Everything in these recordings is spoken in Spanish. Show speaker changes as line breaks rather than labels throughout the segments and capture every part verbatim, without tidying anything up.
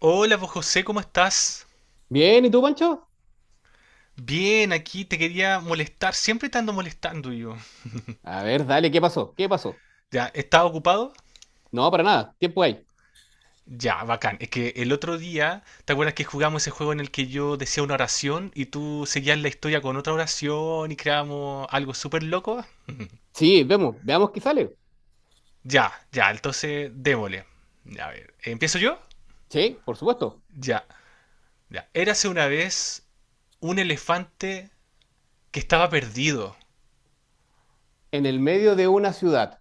Hola, vos José, ¿cómo estás?
Bien, ¿y tú, Pancho?
Bien, aquí te quería molestar. Siempre te ando molestando yo.
A ver, dale, ¿qué pasó? ¿Qué pasó?
Ya, ¿estás ocupado?
No, para nada, tiempo hay.
Ya, bacán. Es que el otro día, ¿te acuerdas que jugamos ese juego en el que yo decía una oración y tú seguías la historia con otra oración y creamos algo súper loco?
Sí, vemos, veamos qué sale.
Ya, ya, entonces démosle. A ver, ¿empiezo yo?
Sí, por supuesto.
Ya, ya. Érase una vez un elefante que estaba perdido.
En el medio de una ciudad.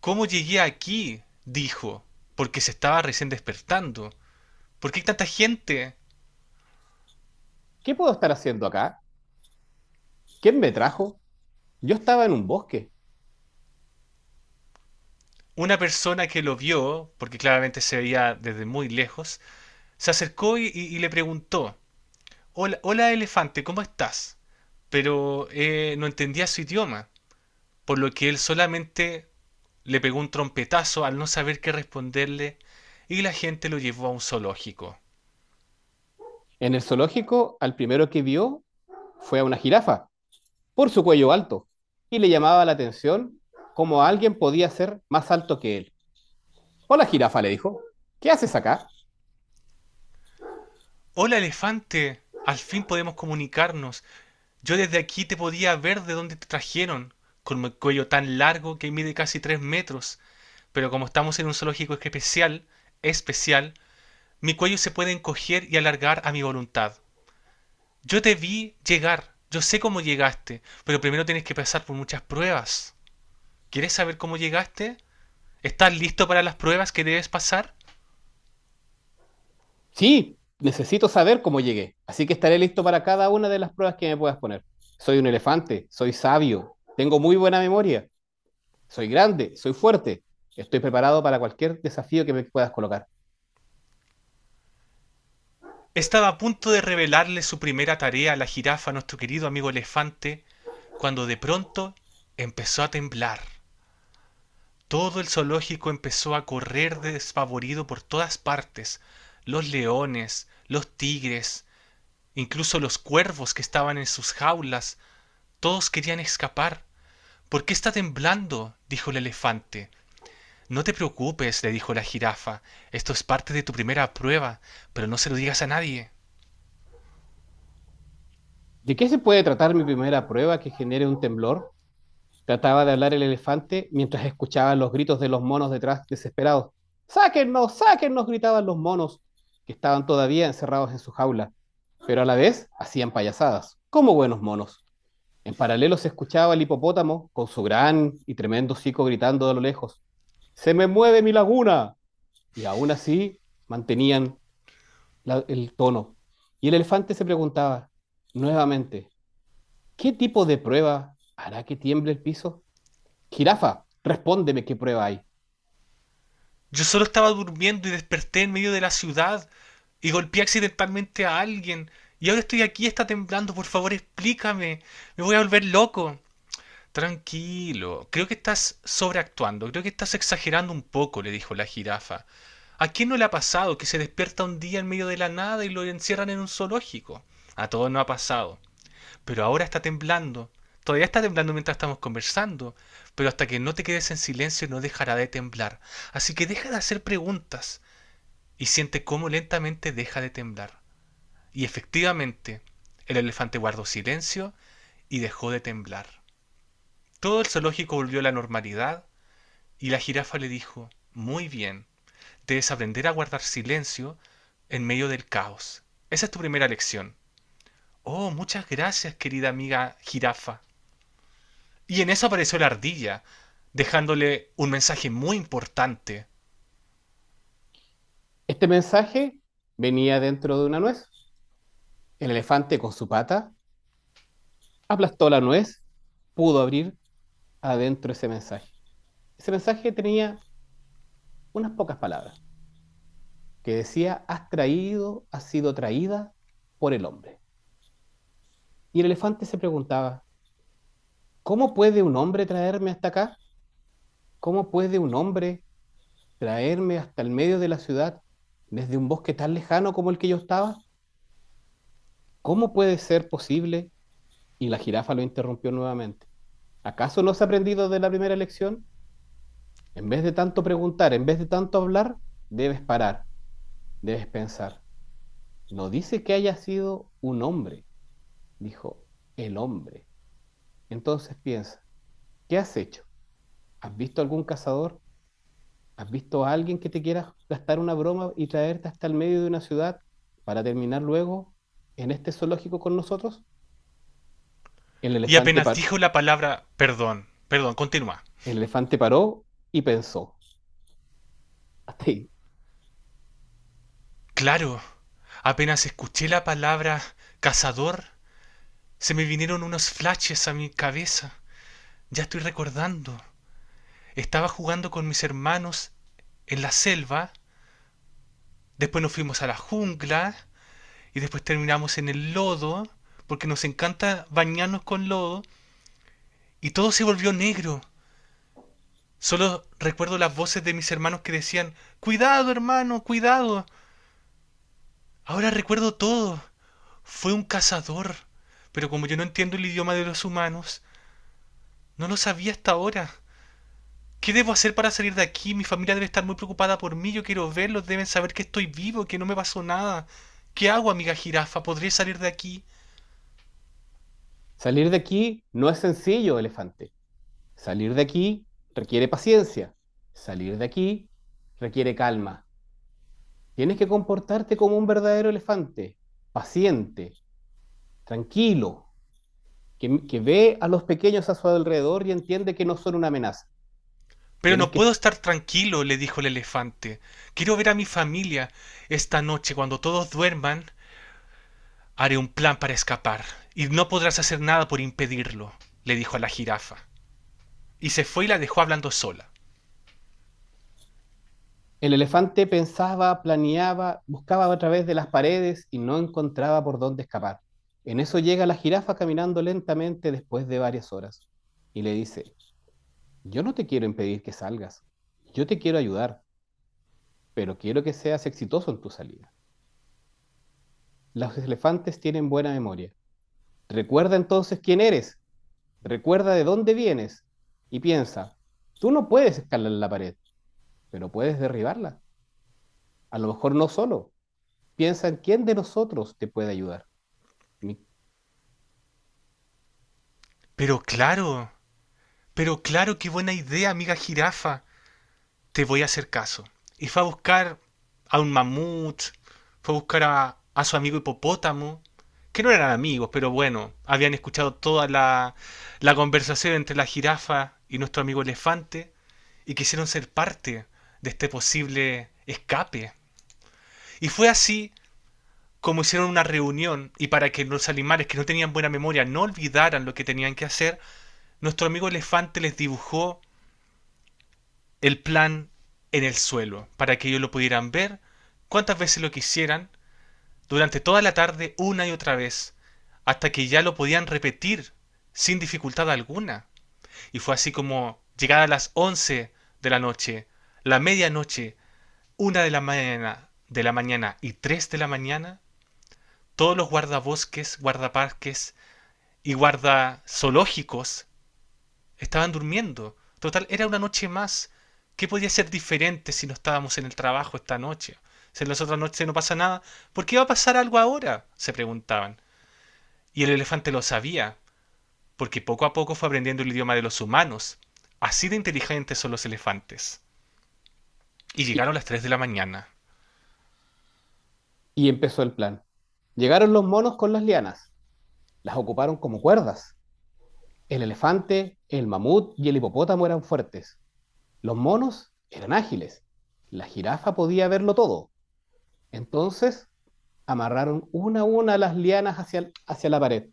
¿Cómo llegué aquí?, dijo, porque se estaba recién despertando. ¿Por qué hay tanta gente?
¿Qué puedo estar haciendo acá? ¿Quién me trajo? Yo estaba en un bosque.
Una persona que lo vio, porque claramente se veía desde muy lejos, se acercó y, y- y le preguntó, hola, hola elefante, ¿cómo estás? Pero eh, no entendía su idioma, por lo que él solamente le pegó un trompetazo al no saber qué responderle, y la gente lo llevó a un zoológico.
En el zoológico, al primero que vio fue a una jirafa, por su cuello alto, y le llamaba la atención cómo alguien podía ser más alto que él. Hola, jirafa, le dijo. ¿Qué haces acá?
Hola elefante, al fin podemos comunicarnos. Yo desde aquí te podía ver de dónde te trajeron, con mi cuello tan largo que mide casi tres metros. Pero como estamos en un zoológico especial, especial, mi cuello se puede encoger y alargar a mi voluntad. Yo te vi llegar, yo sé cómo llegaste, pero primero tienes que pasar por muchas pruebas. ¿Quieres saber cómo llegaste? ¿Estás listo para las pruebas que debes pasar?
Sí, necesito saber cómo llegué. Así que estaré listo para cada una de las pruebas que me puedas poner. Soy un elefante, soy sabio, tengo muy buena memoria, soy grande, soy fuerte. Estoy preparado para cualquier desafío que me puedas colocar.
Estaba a punto de revelarle su primera tarea a la jirafa, a nuestro querido amigo elefante, cuando de pronto empezó a temblar. Todo el zoológico empezó a correr desfavorido por todas partes. Los leones, los tigres, incluso los cuervos que estaban en sus jaulas, todos querían escapar. ¿Por qué está temblando?, dijo el elefante. No te preocupes, le dijo la jirafa, esto es parte de tu primera prueba, pero no se lo digas a nadie.
¿De qué se puede tratar mi primera prueba que genere un temblor? Trataba de hablar el elefante mientras escuchaba los gritos de los monos detrás desesperados. ¡Sáquennos! ¡Sáquennos! Gritaban los monos, que estaban todavía encerrados en su jaula, pero a la vez hacían payasadas, como buenos monos. En paralelo se escuchaba el hipopótamo con su gran y tremendo hocico gritando de lo lejos, ¡se me mueve mi laguna! Y aún así mantenían la- el tono. Y el elefante se preguntaba nuevamente, ¿qué tipo de prueba hará que tiemble el piso? Jirafa, respóndeme qué prueba hay.
Yo solo estaba durmiendo y desperté en medio de la ciudad y golpeé accidentalmente a alguien y ahora estoy aquí, está temblando, por favor explícame, me voy a volver loco. Tranquilo, creo que estás sobreactuando, creo que estás exagerando un poco, le dijo la jirafa. ¿A quién no le ha pasado que se despierta un día en medio de la nada y lo encierran en un zoológico? A todos no ha pasado, pero ahora está temblando. Todavía está temblando mientras estamos conversando, pero hasta que no te quedes en silencio no dejará de temblar. Así que deja de hacer preguntas y siente cómo lentamente deja de temblar. Y efectivamente, el elefante guardó silencio y dejó de temblar, todo el zoológico volvió a la normalidad, y la jirafa le dijo, muy bien, debes aprender a guardar silencio en medio del caos. Esa es tu primera lección. Oh, muchas gracias, querida amiga jirafa. Y en eso apareció la ardilla, dejándole un mensaje muy importante.
Este mensaje venía dentro de una nuez. El elefante con su pata aplastó la nuez, pudo abrir adentro ese mensaje. Ese mensaje tenía unas pocas palabras. Que decía, has traído, has sido traída por el hombre. Y el elefante se preguntaba, ¿cómo puede un hombre traerme hasta acá? ¿Cómo puede un hombre traerme hasta el medio de la ciudad desde un bosque tan lejano como el que yo estaba? ¿Cómo puede ser posible? Y la jirafa lo interrumpió nuevamente. ¿Acaso no has aprendido de la primera lección? En vez de tanto preguntar, en vez de tanto hablar, debes parar, debes pensar. No dice que haya sido un hombre, dijo el hombre. Entonces piensa, ¿qué has hecho? ¿Has visto algún cazador? ¿Has visto a alguien que te quiera gastar una broma y traerte hasta el medio de una ciudad para terminar luego en este zoológico con nosotros? El
Y
elefante,
apenas
par-
dijo la palabra perdón, perdón, continúa.
el elefante paró y pensó, hasta ahí.
Claro, apenas escuché la palabra cazador, se me vinieron unos flashes a mi cabeza. Ya estoy recordando. Estaba jugando con mis hermanos en la selva, después nos fuimos a la jungla y después terminamos en el lodo, porque nos encanta bañarnos con lodo, y todo se volvió negro. Solo recuerdo las voces de mis hermanos que decían, cuidado, hermano, cuidado. Ahora recuerdo todo. Fue un cazador. Pero como yo no entiendo el idioma de los humanos, no lo sabía hasta ahora. ¿Qué debo hacer para salir de aquí? Mi familia debe estar muy preocupada por mí. Yo quiero verlos. Deben saber que estoy vivo, que no me pasó nada. ¿Qué hago, amiga jirafa? ¿Podré salir de aquí?
Salir de aquí no es sencillo, elefante. Salir de aquí requiere paciencia. Salir de aquí requiere calma. Tienes que comportarte como un verdadero elefante, paciente, tranquilo, que, que ve a los pequeños a su alrededor y entiende que no son una amenaza.
Pero
Tienes
no puedo
que...
estar tranquilo, le dijo el elefante. Quiero ver a mi familia. Esta noche, cuando todos duerman, haré un plan para escapar. Y no podrás hacer nada por impedirlo, le dijo a la jirafa. Y se fue y la dejó hablando sola.
El elefante pensaba, planeaba, buscaba a través de las paredes y no encontraba por dónde escapar. En eso llega la jirafa caminando lentamente después de varias horas y le dice, yo no te quiero impedir que salgas, yo te quiero ayudar, pero quiero que seas exitoso en tu salida. Los elefantes tienen buena memoria. Recuerda entonces quién eres, recuerda de dónde vienes y piensa, tú no puedes escalar la pared, pero puedes derribarla. A lo mejor no solo. Piensa en quién de nosotros te puede ayudar.
Pero claro, pero claro, qué buena idea, amiga jirafa. Te voy a hacer caso. Y fue a buscar a un mamut, fue a buscar a, a su amigo hipopótamo, que no eran amigos, pero bueno, habían escuchado toda la, la conversación entre la jirafa y nuestro amigo elefante, y quisieron ser parte de este posible escape. Y fue así como hicieron una reunión, y para que los animales que no tenían buena memoria no olvidaran lo que tenían que hacer, nuestro amigo elefante les dibujó el plan en el suelo para que ellos lo pudieran ver cuantas veces lo quisieran, durante toda la tarde una y otra vez, hasta que ya lo podían repetir sin dificultad alguna. Y fue así como, llegada a las once de la noche, la medianoche, una de la mañana, de la mañana y tres de la mañana, todos los guardabosques, guardaparques y guardazoológicos estaban durmiendo. Total, era una noche más. ¿Qué podía ser diferente si no estábamos en el trabajo esta noche? Si en las otras noches no pasa nada, ¿por qué va a pasar algo ahora?, se preguntaban. Y el elefante lo sabía, porque poco a poco fue aprendiendo el idioma de los humanos. Así de inteligentes son los elefantes. Y llegaron
Y,
las tres de la mañana.
y empezó el plan. Llegaron los monos con las lianas. Las ocuparon como cuerdas. El elefante, el mamut y el hipopótamo eran fuertes. Los monos eran ágiles. La jirafa podía verlo todo. Entonces amarraron una a una las lianas hacia, hacia la pared.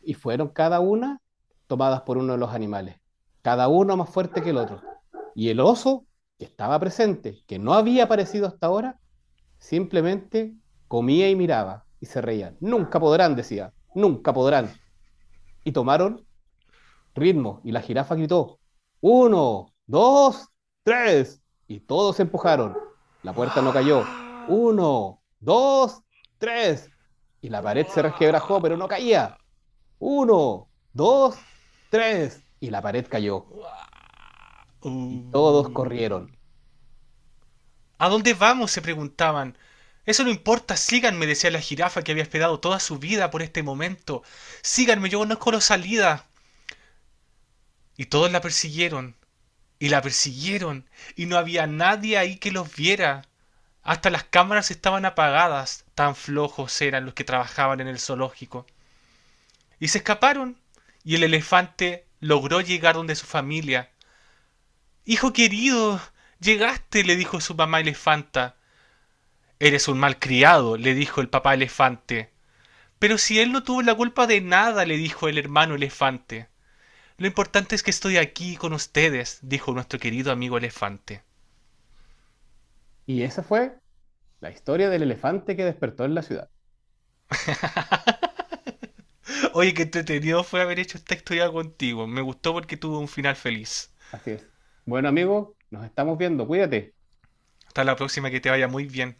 Y fueron cada una tomadas por uno de los animales, cada uno más fuerte que el otro. Y el oso, que estaba presente, que no había aparecido hasta ahora, simplemente comía y miraba y se reían. Nunca podrán, decía, nunca podrán. Y tomaron ritmo y la jirafa gritó, uno, dos, tres. Y todos se empujaron. La puerta no cayó. Uno, dos, tres. Y la pared se resquebrajó, pero no caía. Uno, dos, tres. Y la pared cayó. Y todos corrieron.
Uh. ¿A dónde vamos?, se preguntaban. Eso no importa, síganme, decía la jirafa que había esperado toda su vida por este momento. Síganme, yo conozco la salida. Y todos la persiguieron, y la persiguieron, y no había nadie ahí que los viera. Hasta las cámaras estaban apagadas, tan flojos eran los que trabajaban en el zoológico. Y se escaparon, y el elefante logró llegar donde su familia. Hijo querido, llegaste, le dijo su mamá elefanta. Eres un malcriado, le dijo el papá elefante. Pero si él no tuvo la culpa de nada, le dijo el hermano elefante. Lo importante es que estoy aquí con ustedes, dijo nuestro querido amigo elefante.
Y esa fue la historia del elefante que despertó en la ciudad.
Oye, qué entretenido fue haber hecho esta historia contigo. Me gustó porque tuvo un final feliz.
Así es. Bueno, amigo, nos estamos viendo. Cuídate.
Hasta la próxima, que te vaya muy bien.